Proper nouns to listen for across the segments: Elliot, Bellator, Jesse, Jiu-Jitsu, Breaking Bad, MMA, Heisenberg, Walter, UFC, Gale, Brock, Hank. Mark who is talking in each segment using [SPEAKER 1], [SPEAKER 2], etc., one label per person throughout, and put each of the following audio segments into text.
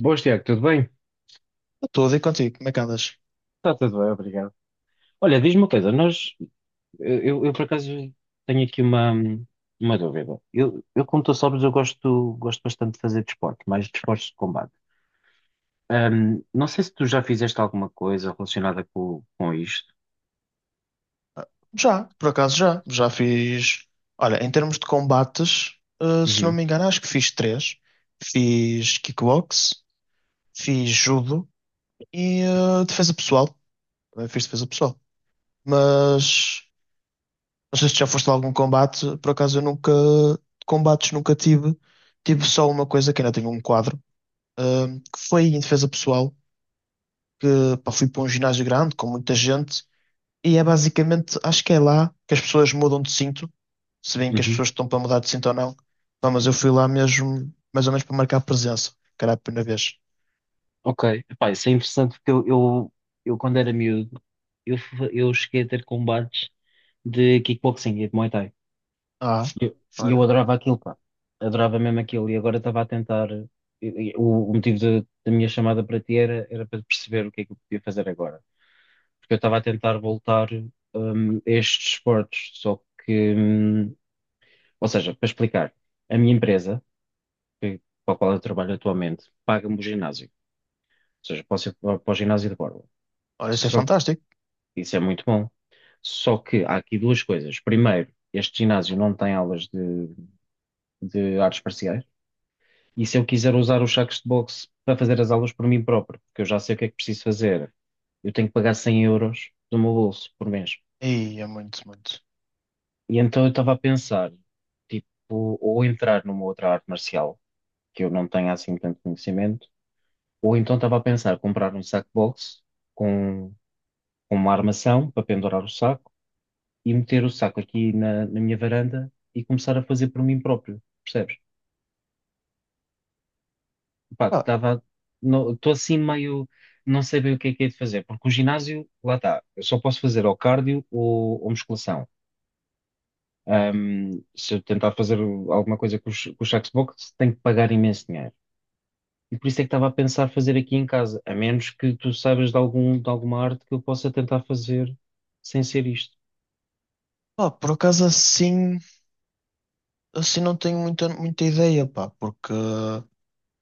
[SPEAKER 1] Boas, Tiago, tudo bem?
[SPEAKER 2] Eu estou a dizer contigo, como é que andas?
[SPEAKER 1] Está tudo bem, obrigado. Olha, diz-me uma coisa, eu por acaso tenho aqui uma dúvida. Como tu sabes, eu gosto bastante de fazer desporto, mais desportos de combate. Não sei se tu já fizeste alguma coisa relacionada com isto.
[SPEAKER 2] Já, por acaso já. Já fiz. Olha, em termos de combates, se não
[SPEAKER 1] Uhum,
[SPEAKER 2] me engano, acho que fiz três. Fiz kickbox, fiz judo e defesa pessoal. Também fiz defesa pessoal. Mas não sei se já foste a algum combate. Por acaso eu nunca. Combates nunca tive. Tive só uma coisa que ainda tive um quadro, eh, que foi em defesa pessoal, que pá, fui para um ginásio grande com muita gente. E é basicamente, acho que é lá que as pessoas mudam de cinto, se bem que as
[SPEAKER 1] uhum.
[SPEAKER 2] pessoas estão para mudar de cinto ou não. Pá, mas eu fui lá mesmo, mais ou menos para marcar presença, que era a primeira vez.
[SPEAKER 1] Ok. Epá, isso é interessante porque eu, quando era miúdo, eu cheguei a ter combates de kickboxing e de Muay Thai.
[SPEAKER 2] Ah,
[SPEAKER 1] E eu
[SPEAKER 2] olha,
[SPEAKER 1] adorava aquilo, pá. Adorava mesmo aquilo. E agora estava a tentar. O motivo da minha chamada para ti era para perceber o que é que eu podia fazer agora. Porque eu estava a tentar voltar, a estes esportes. Só que ou seja, para explicar, a minha empresa, para a qual eu trabalho atualmente, paga-me o ginásio. Ou seja, posso ir para o ginásio de borla.
[SPEAKER 2] olha, isso é
[SPEAKER 1] Só que
[SPEAKER 2] fantástico.
[SPEAKER 1] isso é muito bom. Só que há aqui duas coisas. Primeiro, este ginásio não tem aulas de artes marciais. E se eu quiser usar os sacos de boxe para fazer as aulas por mim próprio, porque eu já sei o que é que preciso fazer, eu tenho que pagar 100 euros do meu bolso por mês.
[SPEAKER 2] E é muito, muito.
[SPEAKER 1] E então eu estava a pensar, tipo, ou entrar numa outra arte marcial, que eu não tenho assim tanto conhecimento, ou então estava a pensar comprar um saco de boxe com, com uma armação para pendurar o saco e meter o saco aqui na minha varanda e começar a fazer por mim próprio, percebes? Pá,
[SPEAKER 2] Pá,
[SPEAKER 1] tava, Estou assim meio, não sei bem o que é de fazer, porque o ginásio, lá está, eu só posso fazer ou cardio ou musculação. Ahm, Se eu tentar fazer alguma coisa com com os sacos de boxe, tenho que pagar imenso dinheiro. E por isso é que estava a pensar fazer aqui em casa, a menos que tu saibas de de alguma arte que eu possa tentar fazer sem ser isto.
[SPEAKER 2] pá, por acaso assim, assim não tenho muita ideia, pá, porque,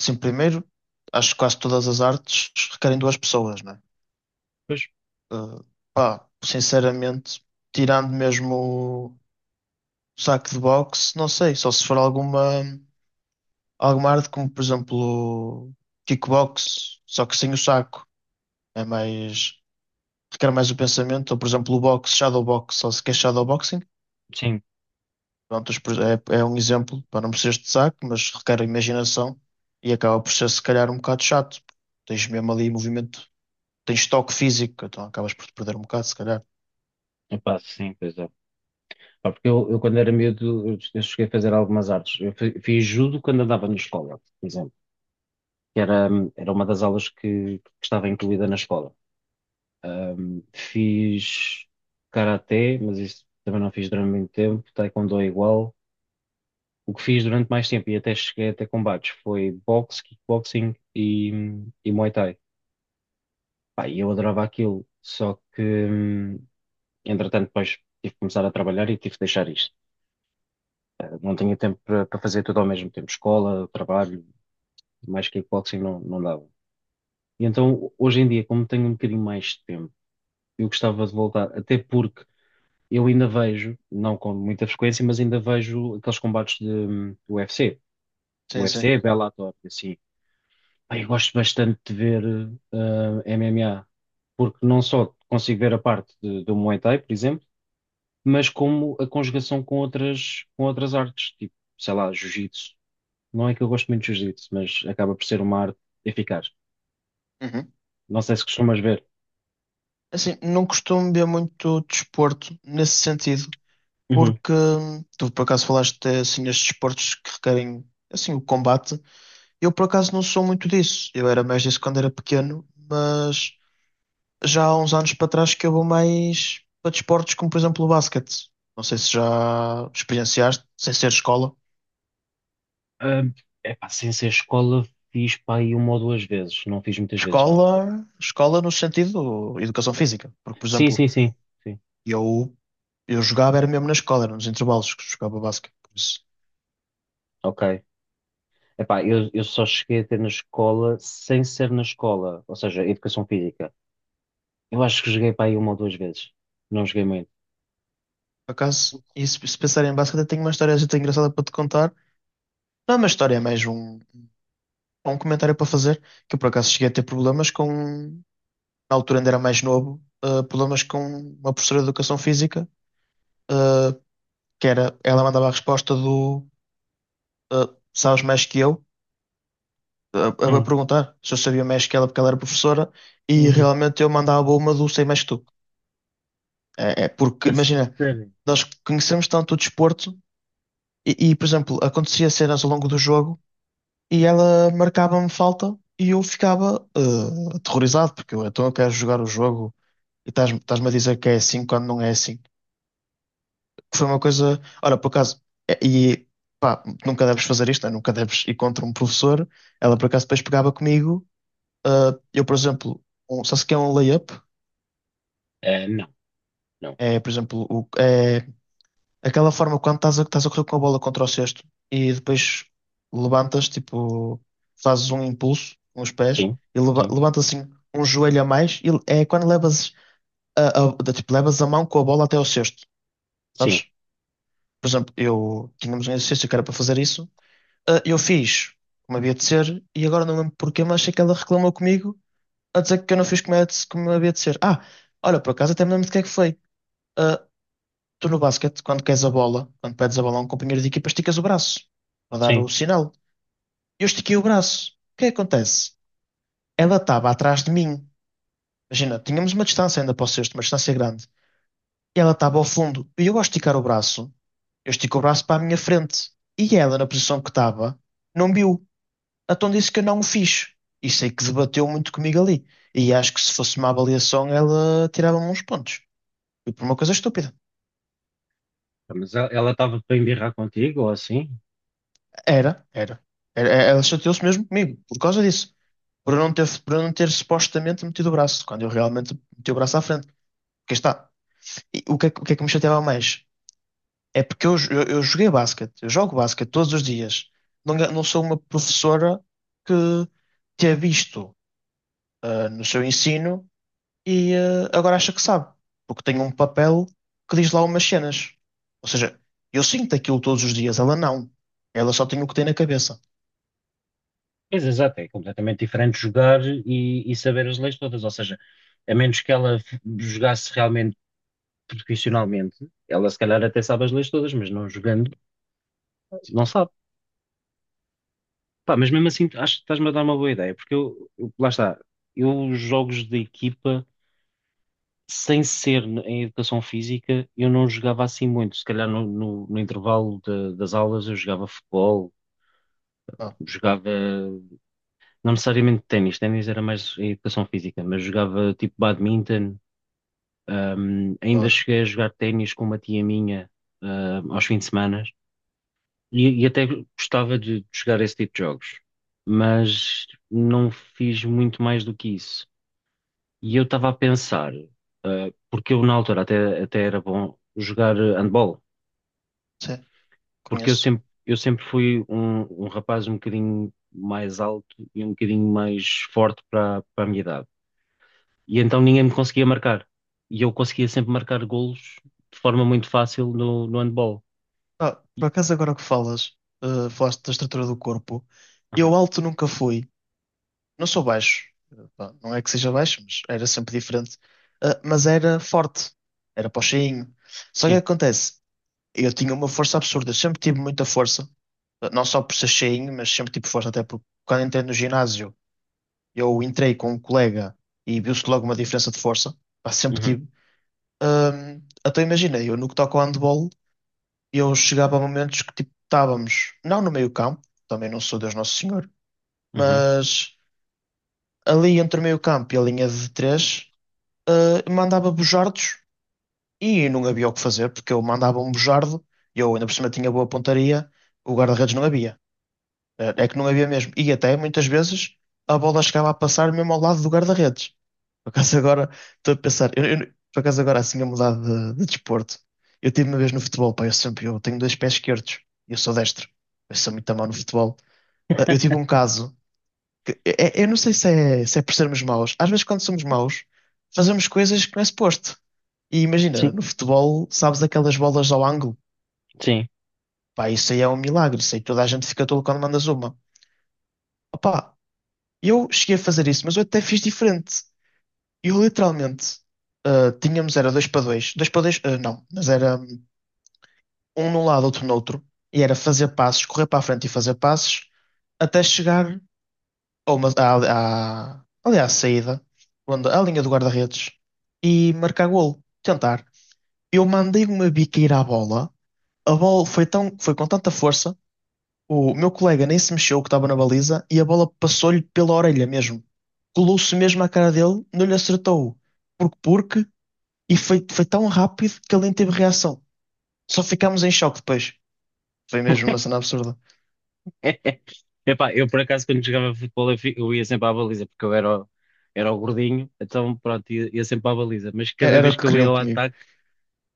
[SPEAKER 2] assim, primeiro, acho que quase todas as artes requerem duas pessoas, né?
[SPEAKER 1] Pois,
[SPEAKER 2] Eh, pá, sinceramente, tirando mesmo o saco de boxe, não sei, só se for alguma. Alguma arte como, por exemplo, kickbox, só que sem o saco. É mais, requer mais o pensamento. Ou, por exemplo, o boxe, shadowbox, só se quer shadowboxing.
[SPEAKER 1] sim,
[SPEAKER 2] Pronto, é, é um exemplo para não precisares de saco, mas requer imaginação e acaba por ser, se calhar, um bocado chato. Tens mesmo ali movimento, tens toque físico, então acabas por te perder um bocado, se calhar.
[SPEAKER 1] epá, sim, pois é. Pá, porque eu quando era miúdo, eu cheguei a fazer algumas artes. Fiz judo quando andava na escola, por exemplo. que era, Era uma das aulas que estava incluída na escola. Fiz karaté, mas isso também não fiz durante muito tempo, taekwondo é igual. O que fiz durante mais tempo e até cheguei até combates foi boxe, kickboxing e Muay Thai. Pá, e eu adorava aquilo, só que entretanto depois tive que começar a trabalhar e tive que deixar isto. Não tinha tempo para fazer tudo ao mesmo tempo, escola, trabalho, mais kickboxing não, não dava. E então hoje em dia, como tenho um bocadinho mais de tempo, eu gostava de voltar, até porque eu ainda vejo, não com muita frequência, mas ainda vejo aqueles combates de UFC.
[SPEAKER 2] Sim,
[SPEAKER 1] UFC
[SPEAKER 2] sim.
[SPEAKER 1] é Bellator, assim. Pá, eu gosto bastante de ver MMA, porque não só consigo ver a parte do Muay Thai, por exemplo, mas como a conjugação com com outras artes, tipo, sei lá, Jiu-Jitsu. Não é que eu gosto muito de Jiu-Jitsu, mas acaba por ser uma arte eficaz.
[SPEAKER 2] Uhum.
[SPEAKER 1] Não sei se costumas ver.
[SPEAKER 2] Assim, não costumo ver muito desporto nesse sentido. Porque tu por acaso falaste assim nestes esportes que requerem assim o combate. Eu por acaso não sou muito disso. Eu era mais disso quando era pequeno, mas já há uns anos para trás que eu vou mais para desportos como por exemplo o basquete. Não sei se já experienciaste, sem ser escola.
[SPEAKER 1] Ah, epá, sem ser escola, fiz pá, aí uma ou duas vezes. Não fiz muitas vezes, não.
[SPEAKER 2] Escola, escola no sentido educação física, porque por
[SPEAKER 1] Sim,
[SPEAKER 2] exemplo,
[SPEAKER 1] sim, sim. Sim.
[SPEAKER 2] eu eu jogava era mesmo na escola, era nos intervalos que jogava basquete, por isso.
[SPEAKER 1] Ok. Epá, eu só cheguei a ter na escola sem ser na escola, ou seja, educação física. Eu acho que joguei para aí uma ou duas vezes. Não joguei muito.
[SPEAKER 2] Por acaso, e se pensar em basquete, eu tenho uma história muito engraçada para te contar. Não é uma história, é mais um, um comentário para fazer, que eu por acaso cheguei a ter problemas com, na altura ainda era mais novo, problemas com uma professora de educação física, eh, que era, ela mandava a resposta do sabes mais que eu, a
[SPEAKER 1] Hum,
[SPEAKER 2] perguntar se eu sabia mais que ela porque ela era professora, e
[SPEAKER 1] uhum.
[SPEAKER 2] realmente eu mandava uma do sei mais que tu. É, é porque,
[SPEAKER 1] A
[SPEAKER 2] imagina,
[SPEAKER 1] sério?
[SPEAKER 2] nós conhecemos tanto o desporto, e, por exemplo, acontecia cenas ao longo do jogo e ela marcava-me falta e eu ficava aterrorizado, porque eu, então eu quero jogar o jogo e estás-me a dizer que é assim quando não é assim. Que foi uma coisa, olha, por acaso, eh, e pá, nunca deves fazer isto, né? Nunca deves ir contra um professor. Ela por acaso depois pegava comigo, eh, eu, por exemplo, sabe-se que é um layup?
[SPEAKER 1] Eh, não, não.
[SPEAKER 2] É, por exemplo, é aquela forma quando estás a correr com a bola contra o cesto e depois levantas, tipo, fazes um impulso com os pés
[SPEAKER 1] Sim,
[SPEAKER 2] e
[SPEAKER 1] sim,
[SPEAKER 2] levantas assim um joelho a mais e é quando levas tipo, levas a mão com a bola até ao cesto,
[SPEAKER 1] sim,
[SPEAKER 2] sabes? Por exemplo, eu tínhamos um exercício que era para fazer isso, ah, eu fiz como havia de ser e agora não lembro porquê, mas sei que ela reclamou comigo a dizer que eu não fiz como, como havia de ser. Ah, olha, por acaso até me lembro de que é que foi. Ah, tu no basquete, quando queres a bola, quando pedes a bola a um companheiro de equipa, esticas o braço para dar
[SPEAKER 1] sim.
[SPEAKER 2] o sinal. Eu estiquei o braço. O que é que acontece? Ela estava atrás de mim. Imagina, tínhamos uma distância ainda para o cesto, uma distância grande. E ela estava ao fundo. E eu, ao esticar o braço, eu estico o braço para a minha frente. E ela, na posição que estava, não viu. Então disse que eu não o fiz. E sei que debateu muito comigo ali. E acho que se fosse uma avaliação, ela tirava-me uns pontos. Foi por uma coisa estúpida.
[SPEAKER 1] Ah, mas ela estava para embirrar contigo ou assim?
[SPEAKER 2] Era, era. Ela chateou-se mesmo comigo, por causa disso. Por eu não ter, por eu não ter supostamente metido o braço, quando eu realmente meti o braço à frente. Porque está. E o que é que me chateava mais? É porque eu joguei basquete, eu jogo basquete todos os dias. Não, não sou uma professora que tenha visto ah, no seu ensino e agora acha que sabe, porque tem um papel que diz lá umas cenas. Ou seja, eu sinto aquilo todos os dias, ela não. Ela só tem o que tem na cabeça.
[SPEAKER 1] Pois exato, é completamente diferente jogar e saber as leis todas. Ou seja, a menos que jogasse realmente profissionalmente, ela se calhar até sabe as leis todas, mas não jogando, não
[SPEAKER 2] Tipo,
[SPEAKER 1] sabe. Pá, mas mesmo assim, acho que estás-me a dar uma boa ideia, porque lá está, eu jogos de equipa, sem ser em educação física, eu não jogava assim muito. Se calhar no intervalo das aulas eu jogava futebol,
[SPEAKER 2] ah,
[SPEAKER 1] jogava, não necessariamente ténis, ténis era mais em educação física, mas jogava tipo badminton. Ainda
[SPEAKER 2] olha,
[SPEAKER 1] cheguei a jogar ténis com uma tia minha, aos fins de semana. E até gostava de jogar esse tipo de jogos, mas não fiz muito mais do que isso. E eu estava a pensar, porque eu na altura até era bom jogar handball,
[SPEAKER 2] sim,
[SPEAKER 1] porque
[SPEAKER 2] conheço.
[SPEAKER 1] eu sempre fui um rapaz um bocadinho mais alto e um bocadinho mais forte para a minha idade. E então ninguém me conseguia marcar. E eu conseguia sempre marcar golos de forma muito fácil no handball.
[SPEAKER 2] Ah, por
[SPEAKER 1] E-
[SPEAKER 2] acaso agora que falas, falaste da estrutura do corpo, eu
[SPEAKER 1] Aham.
[SPEAKER 2] alto nunca fui. Não sou baixo, pá, não é que seja baixo, mas era sempre diferente. Ah, mas era forte, era pochinho. Só que o
[SPEAKER 1] Sim.
[SPEAKER 2] que acontece? Eu tinha uma força absurda, eu sempre tive muita força, ah, não só por ser cheinho, mas sempre tive força, até porque quando entrei no ginásio, eu entrei com um colega e viu-se logo uma diferença de força, pá, sempre
[SPEAKER 1] Uhum.
[SPEAKER 2] tive. Ahm, então imagina, eu no que toca ao handball, eu chegava a momentos que tipo, estávamos, não no meio campo, também não sou Deus Nosso Senhor,
[SPEAKER 1] Uhum.
[SPEAKER 2] mas ali entre o meio campo e a linha de três. Mandava bujardos e não havia o que fazer, porque eu mandava um bujardo, e eu ainda por cima tinha boa pontaria, o guarda-redes não havia. É que não havia mesmo. E até muitas vezes a bola chegava a passar mesmo ao lado do guarda-redes. Por acaso agora estou a pensar, por acaso agora assim a mudar de desporto. Eu tive uma vez no futebol, pá, eu sempre eu tenho dois pés esquerdos, e eu sou destro, eu sou muito mau no futebol. Eu tive um caso é, eu não sei se é, se é por sermos maus. Às vezes, quando somos maus, fazemos coisas que não é suposto. E imagina,
[SPEAKER 1] Sim,
[SPEAKER 2] no futebol, sabes aquelas bolas ao ângulo?
[SPEAKER 1] sim.
[SPEAKER 2] Pá, isso aí é um milagre. Isso aí toda a gente fica tolo quando mandas uma. Opá, eu cheguei a fazer isso, mas eu até fiz diferente. Eu literalmente, ah, tínhamos, era dois para dois ah, não, mas era um num lado, outro no outro. E era fazer passes, correr para a frente e fazer passes, até chegar ou uma, ali à saída, onde, à linha do guarda-redes, e marcar golo. Tentar. Eu mandei uma biqueira à bola, a bola foi, tão, foi com tanta força, o meu colega nem se mexeu que estava na baliza, e a bola passou-lhe pela orelha mesmo. Colou-se mesmo à cara dele, não lhe acertou. Porque foi, foi tão rápido que ele nem teve reação. Só ficámos em choque depois. Foi mesmo uma cena absurda.
[SPEAKER 1] Epá, eu por acaso quando jogava futebol eu ia sempre à baliza porque eu era, era o gordinho, então pronto, ia sempre à baliza, mas
[SPEAKER 2] Era,
[SPEAKER 1] cada
[SPEAKER 2] era
[SPEAKER 1] vez
[SPEAKER 2] o que
[SPEAKER 1] que eu ia
[SPEAKER 2] queriam
[SPEAKER 1] ao
[SPEAKER 2] comigo.
[SPEAKER 1] ataque,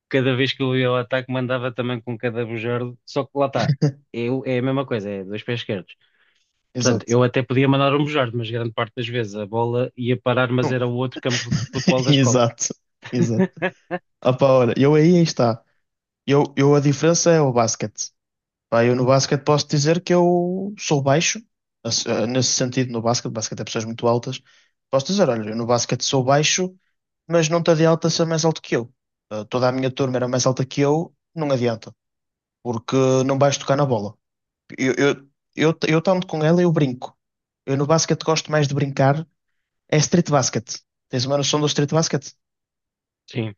[SPEAKER 1] cada vez que eu ia ao ataque mandava também com cada bujardo, só que lá está, é a mesma coisa, é dois pés esquerdos. Portanto,
[SPEAKER 2] Exato.
[SPEAKER 1] eu até podia mandar um bujardo, mas grande parte das vezes a bola ia parar, mas era o outro campo de futebol da escola.
[SPEAKER 2] Exato. Exato. Ah pá, olha, eu aí está. Eu A diferença é o basquete. Pá, eu no basquete posso dizer que eu sou baixo, assim, nesse sentido, no basquete, basquete é pessoas muito altas. Posso dizer, olha, eu no basquete sou baixo, mas não te adianta ser mais alto que eu. Eh, toda a minha turma era mais alta que eu, não adianta, porque não vais tocar na bola. Eu, eu, eu tanto com ela, eu brinco. Eu no basquete gosto mais de brincar, é street basket. Tens uma noção do street basket?
[SPEAKER 1] Sim,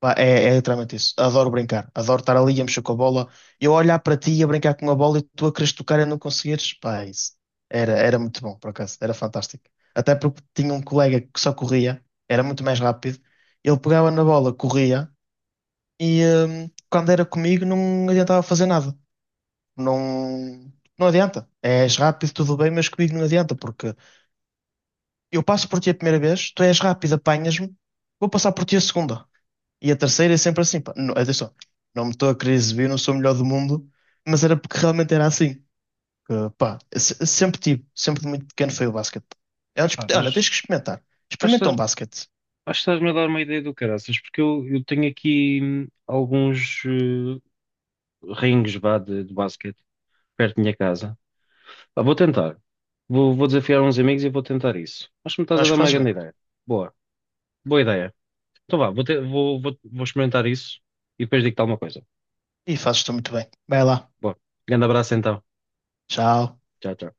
[SPEAKER 2] Pá, é, é literalmente isso. Adoro brincar. Adoro estar ali a mexer com a bola. Eu olhar para ti e a brincar com a bola e tu a quereres tocar e não conseguires. Pá, é isso. Era, era muito bom, por acaso. Era fantástico. Até porque tinha um colega que só corria. Era muito mais rápido. Ele pegava na bola, corria. E quando era comigo não adiantava fazer nada. Não, não adianta. És rápido, tudo bem, mas comigo não adianta. Porque eu passo por ti a primeira vez, tu és rápido, apanhas-me. Vou passar por ti a segunda. E a terceira é sempre assim, pá, não, atenção, não me estou a querer exibir, não sou o melhor do mundo, mas era porque realmente era assim. Que, pá, sempre tive, sempre de muito pequeno foi o basquete. É um
[SPEAKER 1] epá,
[SPEAKER 2] desporto- olha, tens que
[SPEAKER 1] mas
[SPEAKER 2] experimentar.
[SPEAKER 1] acho que
[SPEAKER 2] Experimenta um basquete.
[SPEAKER 1] acho que estás-me a dar uma ideia do caraças, porque eu tenho aqui alguns rings vá, de basquete perto da minha casa. Pá, vou tentar. Vou desafiar uns amigos e vou tentar isso. Acho que me
[SPEAKER 2] Eu
[SPEAKER 1] estás a
[SPEAKER 2] acho
[SPEAKER 1] dar
[SPEAKER 2] que
[SPEAKER 1] uma
[SPEAKER 2] fazes
[SPEAKER 1] grande
[SPEAKER 2] bem.
[SPEAKER 1] ideia. Boa, boa ideia. Então vá, vou, te- vou, vou, vou experimentar isso e depois digo-te alguma coisa.
[SPEAKER 2] E fazes-te muito bem. Vai lá.
[SPEAKER 1] Boa. Grande abraço então.
[SPEAKER 2] Tchau.
[SPEAKER 1] Tchau, tchau.